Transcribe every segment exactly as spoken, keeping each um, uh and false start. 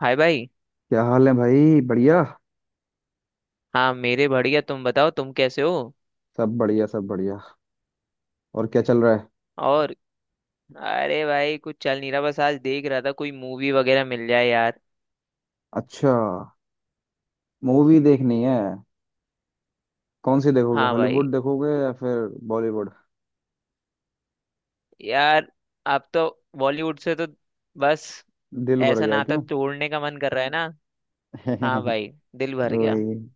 हाय भाई। क्या हाल है भाई? बढ़िया। हाँ मेरे बढ़िया, तुम बताओ तुम कैसे हो। सब बढ़िया, सब बढ़िया। और क्या चल रहा है? और अरे भाई कुछ चल नहीं रहा, बस आज देख रहा था कोई मूवी वगैरह मिल जाए यार। अच्छा, मूवी देखनी है। कौन सी देखोगे, हाँ भाई, हॉलीवुड देखोगे या फिर बॉलीवुड? यार अब तो बॉलीवुड से तो बस दिल भर ऐसा गया नाता क्यों? तोड़ने का मन कर रहा है ना। हाँ भाई, दिल भर गया। वही।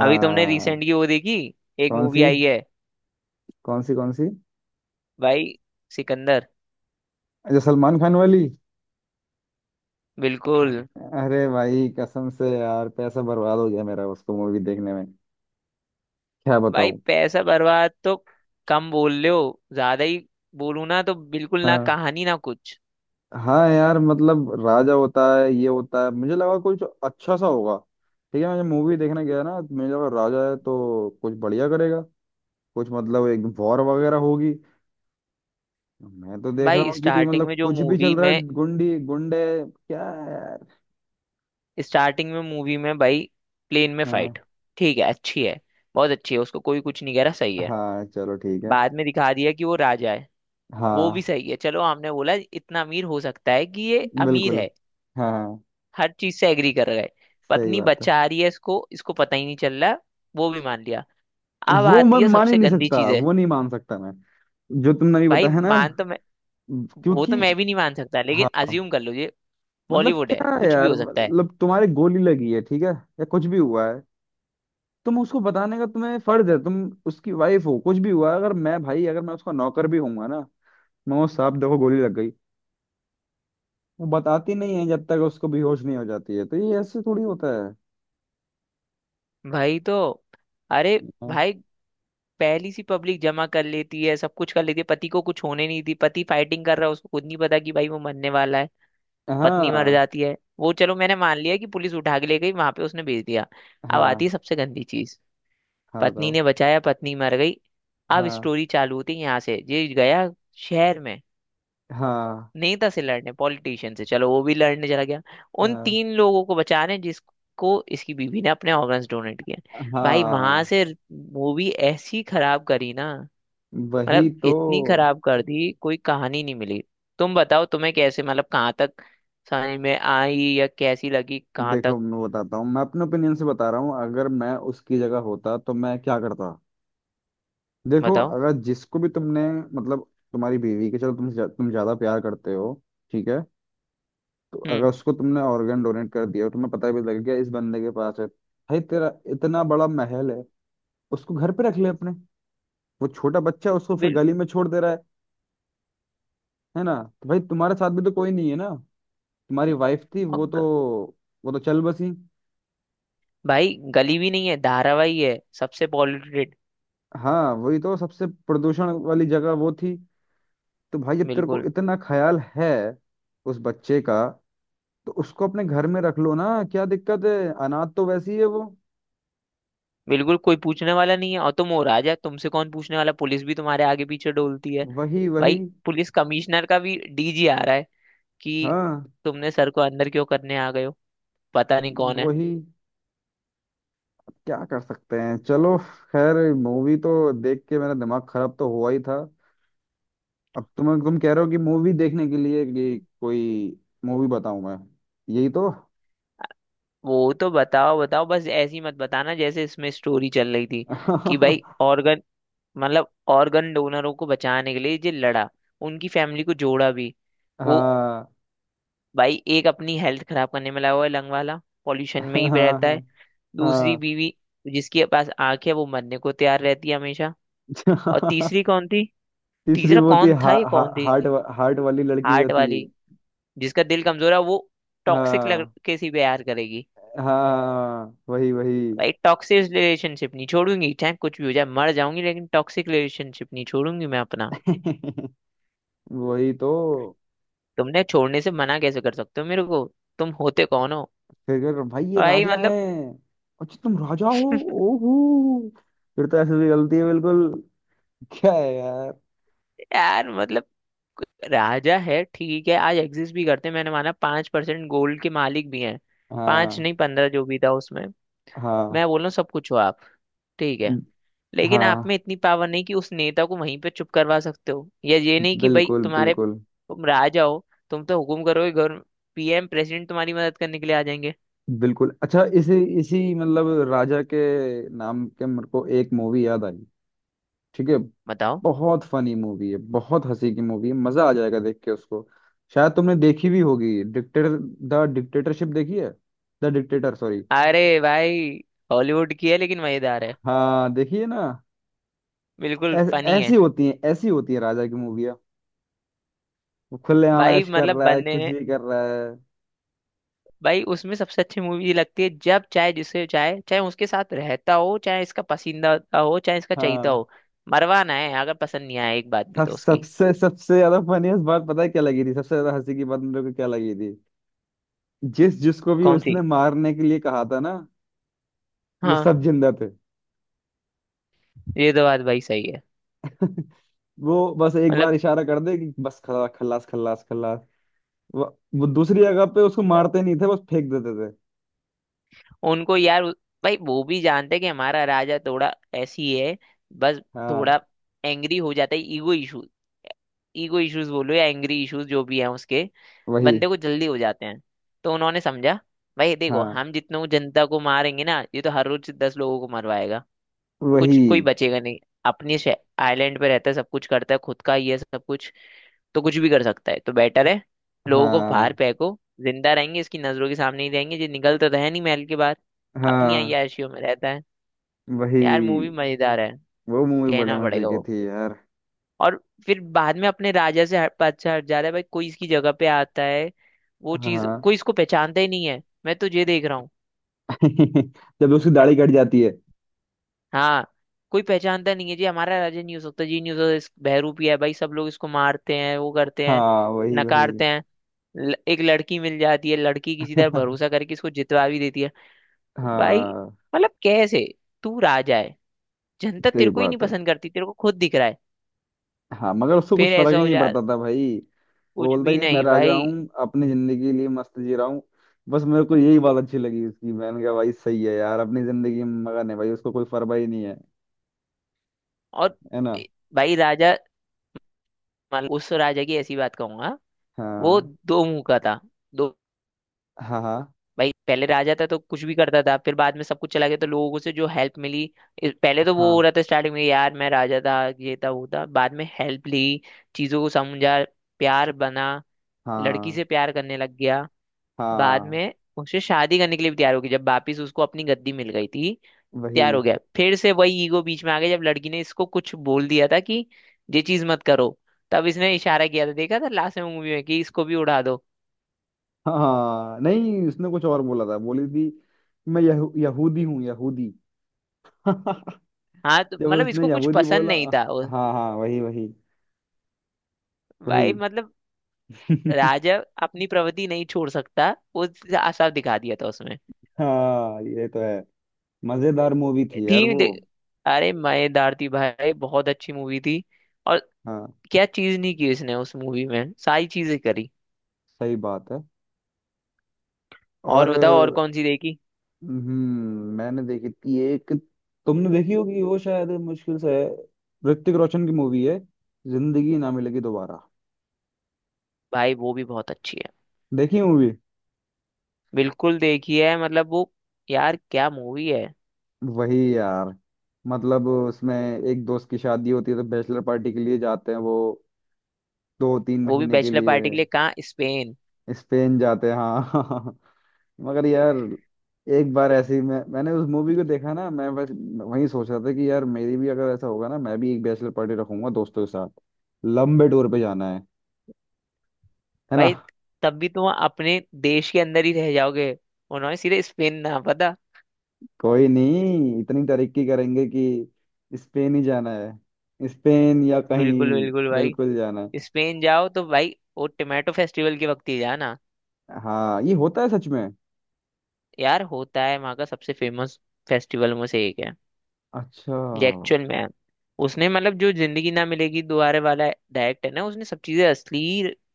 अभी तुमने रिसेंटली वो देखी, एक कौन मूवी सी? आई है कौन सी कौन सी? भाई, सिकंदर। अच्छा, सलमान खान वाली। बिल्कुल। अरे भाई, कसम से यार पैसा बर्बाद हो गया मेरा उसको मूवी देखने में। क्या भाई बताऊं। पैसा बर्बाद तो कम बोल रहे हो, ज्यादा ही बोलूं ना तो बिल्कुल, ना कहानी ना कुछ। हाँ यार, मतलब राजा होता है ये होता है, मुझे लगा कुछ अच्छा सा होगा। ठीक है, मैं जब मूवी देखने गया ना तो मुझे लगा राजा है तो कुछ बढ़िया करेगा। कुछ मतलब एक वॉर वगैरह होगी। मैं तो देख रहा भाई हूँ कि स्टार्टिंग में मतलब जो कुछ भी मूवी चल रहा है, में, गुंडी गुंडे क्या है यार। स्टार्टिंग में मूवी में भाई प्लेन में हाँ। फाइट, ठीक है अच्छी है, बहुत अच्छी है, उसको कोई कुछ नहीं कह रहा, सही है। हाँ, चलो ठीक है। बाद में दिखा दिया कि वो राजा है, वो भी हाँ। सही है, चलो हमने बोला इतना अमीर हो सकता है, कि ये अमीर बिल्कुल। है, हाँ हाँ, हर चीज से एग्री कर गए। सही पत्नी बात है। बच्चा आ रही है, इसको इसको पता ही नहीं चल रहा, वो भी मान लिया। अब वो मैं आती है मान ही सबसे नहीं गंदी सकता, चीज है। वो नहीं मान सकता मैं। जो तुमने अभी भाई बताया ना, मान तो मैं, वो तो क्योंकि मैं भी नहीं मान सकता लेकिन हाँ। अज्यूम कर लो, ये मतलब बॉलीवुड है क्या है कुछ भी यार? हो सकता है। मतलब तुम्हारे गोली लगी है, ठीक है, या कुछ भी हुआ है, तुम उसको बताने का तुम्हें फर्ज है। तुम उसकी वाइफ हो, कुछ भी हुआ है, अगर मैं भाई, अगर मैं उसका नौकर भी हूंगा ना, मैं वो साहब देखो गोली लग गई। वो बताती नहीं है जब तक उसको बेहोश नहीं हो जाती है, तो ये ऐसे थोड़ी होता है। भाई तो अरे हाँ। भाई पहली सी पब्लिक जमा कर लेती है, सब कुछ कर लेती है, पति को कुछ होने नहीं दी, पति फाइटिंग कर रहा है, उसको खुद नहीं पता कि भाई वो मरने वाला है। पत्नी मर हाँ। जाती है, वो चलो मैंने मान लिया कि पुलिस उठा के ले गई, वहां पे उसने भेज दिया। अब आती हाँ। है सबसे गंदी चीज। हाँ, पत्नी बताओ। ने बचाया, पत्नी मर गई। अब हाँ। स्टोरी चालू होती है यहाँ से, ये गया शहर में हाँ। नेता से लड़ने, पॉलिटिशियन से, चलो वो भी लड़ने चला गया। उन हाँ। तीन लोगों को बचाने जिसको इसकी बीवी ने अपने ऑर्गन्स डोनेट किए। भाई वहां हाँ। से मूवी ऐसी खराब करी ना, वही मतलब तो। इतनी खराब कर दी, कोई कहानी नहीं मिली। तुम बताओ तुम्हें कैसे, मतलब कहाँ तक समझ में आई या कैसी लगी, कहाँ देखो, तक? मैं बताता हूँ, मैं अपने ओपिनियन से बता रहा हूँ। अगर मैं उसकी जगह होता तो मैं क्या करता। देखो, बताओ। अगर जिसको भी तुमने, मतलब तुम्हारी बीवी के, चलो तुम ज्या- तुम ज्यादा प्यार करते हो, ठीक है। तो अगर हम्म। उसको तुमने ऑर्गन डोनेट कर दिया और तुम्हें पता भी लग गया इस बंदे के पास है, भाई तेरा इतना बड़ा महल है, उसको घर पे रख ले अपने। वो छोटा बच्चा है, उसको फिर बिल गली में छोड़ दे रहा है है ना। तो भाई तुम्हारे साथ भी तो कोई नहीं है ना, तुम्हारी वाइफ थी, और वो तो, ग, वो तो चल बसी। भाई गली भी नहीं है, धारावाही है सबसे पॉल्यूटेड। हाँ वही तो, सबसे प्रदूषण वाली जगह वो थी। तो भाई जब तेरे को बिल्कुल, इतना ख्याल है उस बच्चे का, तो उसको अपने घर में रख लो ना, क्या दिक्कत है। अनाथ तो वैसी है वो। बिल्कुल कोई पूछने वाला नहीं है, और तुम हो राजा, तुमसे कौन पूछने वाला, पुलिस भी तुम्हारे आगे पीछे डोलती है। वही वही। भाई पुलिस कमिश्नर का भी डीजी आ रहा है कि हाँ तुमने सर को अंदर क्यों करने आ गए हो, पता नहीं कौन है। वही। क्या कर सकते हैं, चलो। खैर, मूवी तो देख के मेरा दिमाग खराब तो हुआ ही था। अब तुम तुम कह रहे हो कि मूवी देखने के लिए कि कोई मूवी बताऊं मैं। यही तो वो तो बताओ, बताओ, बस ऐसी मत बताना जैसे इसमें स्टोरी चल रही थी कि भाई हाँ। ऑर्गन, मतलब ऑर्गन डोनरों को बचाने के लिए जो लड़ा, उनकी फैमिली को जोड़ा भी वो। भाई एक अपनी हेल्थ खराब करने में लगा हुआ है, लंग वाला पॉल्यूशन में ही रहता है। हाँ। हाँ। दूसरी हाँ। बीवी जिसके पास आंख है वो मरने को तैयार रहती है हमेशा। और तीसरी कौन थी? तीसरी तीसरा वो थी, कौन हा, था या हा, कौन थी? हार्ट वा- हार्ट वाली लड़की जो हार्ट थी। वाली, जिसका दिल कमजोर है, वो टॉक्सिक हाँ लड़के से प्यार करेगी। हाँ, हाँ, वही वही। भाई टॉक्सिक रिलेशनशिप नहीं छोड़ूंगी, चाहे कुछ भी हो जाए, मर जाऊंगी लेकिन टॉक्सिक रिलेशनशिप नहीं छोड़ूंगी मैं अपना। वही तो। तुमने छोड़ने से मना कैसे कर सकते हो मेरे को, तुम होते कौन हो? फिर कह, भाई ये भाई राजा है, मतलब। अच्छा तुम राजा हो। ओहो, फिर तो ऐसे भी गलती है बिल्कुल। क्या है यार। यार मतलब राजा है ठीक है, आज एग्जिस्ट भी करते हैं, मैंने माना पांच परसेंट गोल्ड के मालिक भी हैं, पांच हाँ। नहीं पंद्रह जो भी था उसमें। हाँ। मैं बोल रहा हूँ सब कुछ हो आप, ठीक है, लेकिन आप में हाँ। इतनी पावर नहीं कि उस नेता को वहीं पे चुप करवा सकते हो, या ये नहीं कि भाई बिल्कुल तुम्हारे बिल्कुल तुम राजा हो, तुम तो हुकुम करोगे गवर्न, पीएम प्रेसिडेंट तुम्हारी मदद करने के लिए आ जाएंगे। बिल्कुल। अच्छा, इसी इसी मतलब राजा के नाम के मेरे को एक मूवी याद आई। ठीक है, बताओ। बहुत फनी मूवी है, बहुत हंसी की मूवी है, मजा आ जाएगा देख के उसको। शायद तुमने देखी भी होगी, डिक्टेटर, द डिक्टेटरशिप देखी है, द डिक्टेटर सॉरी। अरे भाई हॉलीवुड की है लेकिन मजेदार है, हाँ, देखिए ना। बिल्कुल ऐस- फनी ऐसी है। होती है, ऐसी होती है राजा की मूवियाँ। वो खुलेआम भाई ऐश कर मतलब रहा है, बंदे कुछ ने, भी कर रहा है। भाई उसमें सबसे अच्छी मूवी लगती है, जब चाहे जिसे चाहे, चाहे उसके साथ रहता हो, चाहे इसका पसंदीदा हो, चाहे इसका चहेता हाँ। हो, मरवाना है अगर पसंद नहीं आया एक बात भी सब तो उसकी। सबसे सबसे ज्यादा फनीस्ट बात पता है क्या लगी थी, सबसे ज्यादा हंसी की बात मेरे को क्या लगी थी। जिस जिसको भी कौन सी? उसने मारने के लिए कहा था ना, वो हाँ सब जिंदा थे। ये तो बात भाई सही है। वो बस एक बार मतलब इशारा कर दे कि बस खला, खल्लास, खल्लास, खल्लास। वो, वो दूसरी जगह पे उसको मारते नहीं थे, बस फेंक देते थे। उनको यार उ- भाई वो भी जानते हैं कि हमारा राजा थोड़ा ऐसी है, बस हाँ थोड़ा एंग्री हो जाता है, ईगो इशू, ईगो इश्यूज बोलो या एंग्री इश्यूज, जो भी है उसके वही। बंदे को जल्दी हो जाते हैं। तो उन्होंने समझा भाई देखो हाँ हम जितनों जनता को मारेंगे ना, ये तो हर रोज दस लोगों को मरवाएगा, कुछ वही। कोई बचेगा नहीं। अपनी आइलैंड पे रहता है, सब कुछ करता है, खुद का ही है सब कुछ, तो कुछ भी कर सकता है, तो बेटर है लोगों को बाहर हाँ। फेंको, जिंदा रहेंगे इसकी नजरों के सामने ही रहेंगे, ये निकलता तो है नहीं महल के बाहर, अपनी हाँ अय्याशियों में रहता है। यार मूवी वही। मजेदार है, वो मूवी बड़े कहना मजे पड़ेगा की वो। थी यार। और फिर बाद में अपने राजा से हट अच्छा हट जा रहा है भाई, कोई इसकी जगह पे आता है वो चीज, हाँ। कोई इसको पहचानता ही नहीं है, मैं तो ये देख रहा हूँ। जब उसकी दाढ़ी कट जाती है। हाँ कोई पहचानता नहीं है, जी हमारा राजा नहीं हो सकता, जी नहीं हो सकता, इस बहरूपी है भाई, सब लोग इसको मारते हैं वो करते हैं, हाँ वही वही। नकारते हैं। ल- एक लड़की मिल जाती है, लड़की किसी तरह भरोसा करके इसको जितवा भी देती है। भाई हाँ, मतलब कैसे, तू राजा है, जनता सही तेरे को ही नहीं बात है। पसंद करती, तेरे को खुद दिख रहा है, हाँ, मगर उसको कुछ फिर फर्क ऐसा ही हो नहीं जा, पड़ता था भाई। वो कुछ बोलता भी है कि मैं नहीं राजा भाई। हूँ, अपनी जिंदगी के लिए मस्त जी रहा हूँ। बस मेरे को यही बात अच्छी लगी उसकी, मैंने कहा भाई सही है यार, अपनी जिंदगी में मगन है भाई, उसको कोई परवाह ही नहीं है, और है ना। ए- भाई राजा, मतलब उस राजा की ऐसी बात कहूंगा, वो हाँ। दो मुंह का था, दो। हाँ। हाँ। भाई पहले राजा था तो कुछ भी करता था, फिर बाद में सब कुछ चला गया तो लोगों से जो हेल्प मिली, इस- पहले तो वो हो हाँ। रहा था स्टार्टिंग में, यार मैं राजा था, ये था वो था, बाद में हेल्प ली, चीजों को समझा, प्यार बना, लड़की हाँ। से प्यार करने लग गया, बाद हाँ में उससे शादी करने के लिए भी तैयार हो गई जब वापिस उसको अपनी गद्दी मिल गई थी, वही। तैयार हो गया फिर से वही ईगो बीच में आ गया, जब लड़की ने इसको कुछ बोल दिया था कि ये चीज मत करो, तब इसने इशारा किया था, देखा था लास्ट में मूवी में, कि इसको भी उड़ा दो। हाँ नहीं, उसने कुछ और बोला था, बोली थी कि मैं यहू, यहूदी हूँ, यहूदी। हाँ तो जब मतलब उसने इसको कुछ यहूदी पसंद बोला। नहीं था उस- हाँ हाँ वही वही। भाई वही। मतलब राजा अपनी प्रवृत्ति नहीं छोड़ सकता, वो साफ दिखा दिया था उसमें। हाँ ये तो है। मजेदार मूवी थी यार थी वो। दे- अरे मजेदार थी भाई, बहुत अच्छी मूवी थी। और हाँ, क्या चीज नहीं की इसने उस मूवी में, सारी चीजें करी। सही बात है। और और, बताओ, और कौन सी देखी? हम्म, मैंने देखी थी एक। तुमने देखी होगी, वो शायद मुश्किल से है, ऋतिक रोशन की मूवी है, जिंदगी ना मिलेगी दोबारा। भाई वो भी बहुत अच्छी है, देखी मूवी? बिल्कुल देखी है, मतलब वो, यार क्या मूवी है। वही यार। मतलब उसमें एक दोस्त की शादी होती है तो बैचलर पार्टी के लिए जाते हैं वो दो तीन वो भी महीने के बैचलर लिए, पार्टी के लिए कहाँ, स्पेन। स्पेन जाते हैं हाँ। मगर यार, एक बार ऐसी मैं, मैंने उस मूवी को देखा ना, मैं बस वही सोच रहा था कि यार मेरी भी अगर ऐसा होगा ना, मैं भी एक बैचलर पार्टी रखूंगा दोस्तों के साथ, लंबे टूर पे जाना है है ना। भाई तब भी तुम अपने देश के अंदर ही रह जाओगे, उन्होंने सीधे स्पेन ना पता। कोई नहीं, इतनी तरक्की करेंगे कि स्पेन ही जाना है, स्पेन या बिल्कुल कहीं। बिल्कुल भाई, बिल्कुल जाना है। स्पेन जाओ तो भाई वो टोमेटो फेस्टिवल के वक्त ही जाना। हाँ ये होता है सच में। यार होता है वहाँ का सबसे फेमस फेस्टिवल में से एक है, अच्छा। ये एक्चुअल में है। उसने मतलब जो जिंदगी ना मिलेगी दोबारा वाला डायरेक्ट है ना, उसने सब चीजें असली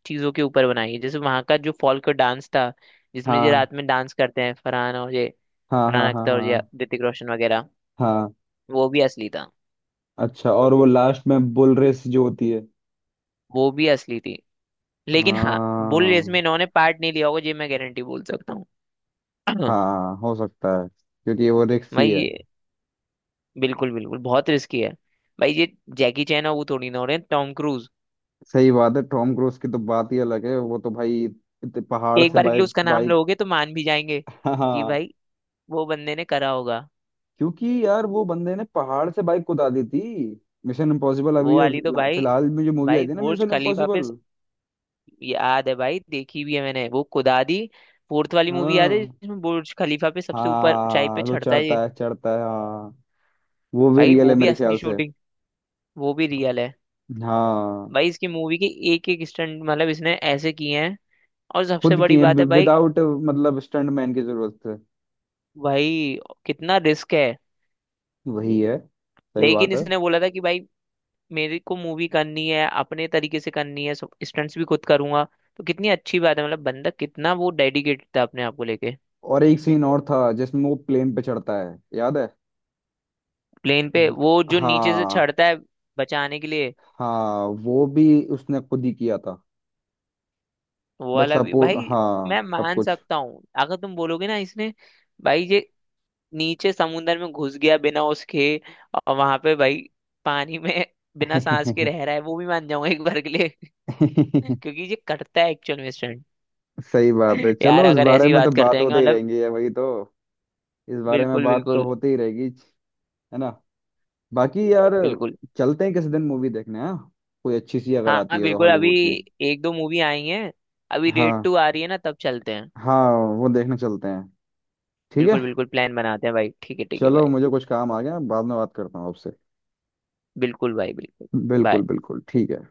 चीजों के ऊपर बनाई है, जैसे वहाँ का जो फॉल्क डांस था जिसमें ये हाँ। रात में डांस करते हैं फरहान और ये, हाँ। हाँ। फरहान हाँ। अख्तर और ये हाँ। ऋतिक रोशन वगैरह, हाँ। वो भी असली था। अच्छा, और वो लास्ट में बुल रेस जो होती है। वो भी असली थी लेकिन हाँ, बुल रेस हाँ। में इन्होंने पार्ट नहीं लिया होगा, ये मैं गारंटी बोल सकता हूँ। हाँ हो सकता है, क्योंकि वो रिक्स ही भाई है। ये बिल्कुल बिल्कुल, बहुत रिस्की है। भाई ये जैकी चैन और वो थोड़ी ना हो रहे हैं, टॉम क्रूज सही बात है, टॉम क्रूज की तो बात ही अलग है, वो तो भाई इतने पहाड़ एक से बार के लिए बाइक उसका नाम बाइक लोगे तो मान भी जाएंगे हाँ कि हाँ, भाई वो बंदे ने करा होगा। क्योंकि यार वो बंदे ने पहाड़ से बाइक कुदा दी थी। मिशन इम्पॉसिबल, वो अभी वाली तो जो- भाई, फिलहाल में जो मूवी आई भाई थी ना, बुर्ज मिशन खलीफा पे इम्पॉसिबल। स- याद है भाई, देखी भी है मैंने वो कुदादी, फोर्थ वाली मूवी, याद है हाँ। जिसमें बुर्ज खलीफा पे सबसे ऊपर ऊंचाई पे हाँ वो चढ़ता है ये। चढ़ता है, चढ़ता है हाँ। वो भी भाई रियल है वो भी मेरे असली ख्याल से। शूटिंग, वो भी रियल है। हाँ। भाई इसकी मूवी के एक एक स्टंट, मतलब इसने ऐसे किए हैं, और सबसे खुद बड़ी किए बात है भाई, विदाउट, मतलब स्टंटमैन की जरूरत है। भाई कितना रिस्क है। वही है, सही लेकिन बात है। इसने बोला था कि भाई मेरे को मूवी करनी है अपने तरीके से करनी है, सब स्टंट्स भी खुद करूंगा। तो कितनी अच्छी बात है, मतलब बंदा कितना वो डेडिकेटेड था अपने आप को लेके। और एक सीन और था जिसमें वो प्लेन पे चढ़ता है, याद है। प्लेन पे वो जो नीचे से हाँ। चढ़ता है बचाने के लिए, हाँ वो भी उसने खुद ही किया था। वो बट वाला भी सपोर्ट भाई मैं हाँ सब मान कुछ। सकता हूँ अगर तुम बोलोगे ना इसने। भाई ये नीचे समुंदर में घुस गया बिना उसके, और वहां पे भाई पानी में बिना सांस के रह रहा है, वो भी मान जाऊंगा एक बार के लिए। क्योंकि ये करता है एक्चुअल में स्टंट। सही बात है, यार चलो इस अगर बारे ऐसी में तो बात करते बात हैं होते ही मतलब, रहेंगी, है वही तो। इस बारे में बिल्कुल बात तो बिल्कुल होती ही रहेगी, है ना। बाकी यार, बिल्कुल। चलते हैं किसी दिन मूवी देखने, हाँ, कोई अच्छी सी अगर हाँ आती हाँ, है तो बिल्कुल, अभी हॉलीवुड की। एक दो मूवी आई हैं, अभी रेड हाँ। टू आ रही है ना तब चलते हैं। हाँ, वो देखने चलते हैं। ठीक बिल्कुल है, बिल्कुल, प्लान बनाते हैं भाई, ठीक है, ठीक है चलो भाई। मुझे कुछ काम आ गया, बाद में बात करता हूँ आपसे। बिल्कुल भाई बिल्कुल। बिल्कुल बाय। बिल्कुल, ठीक है।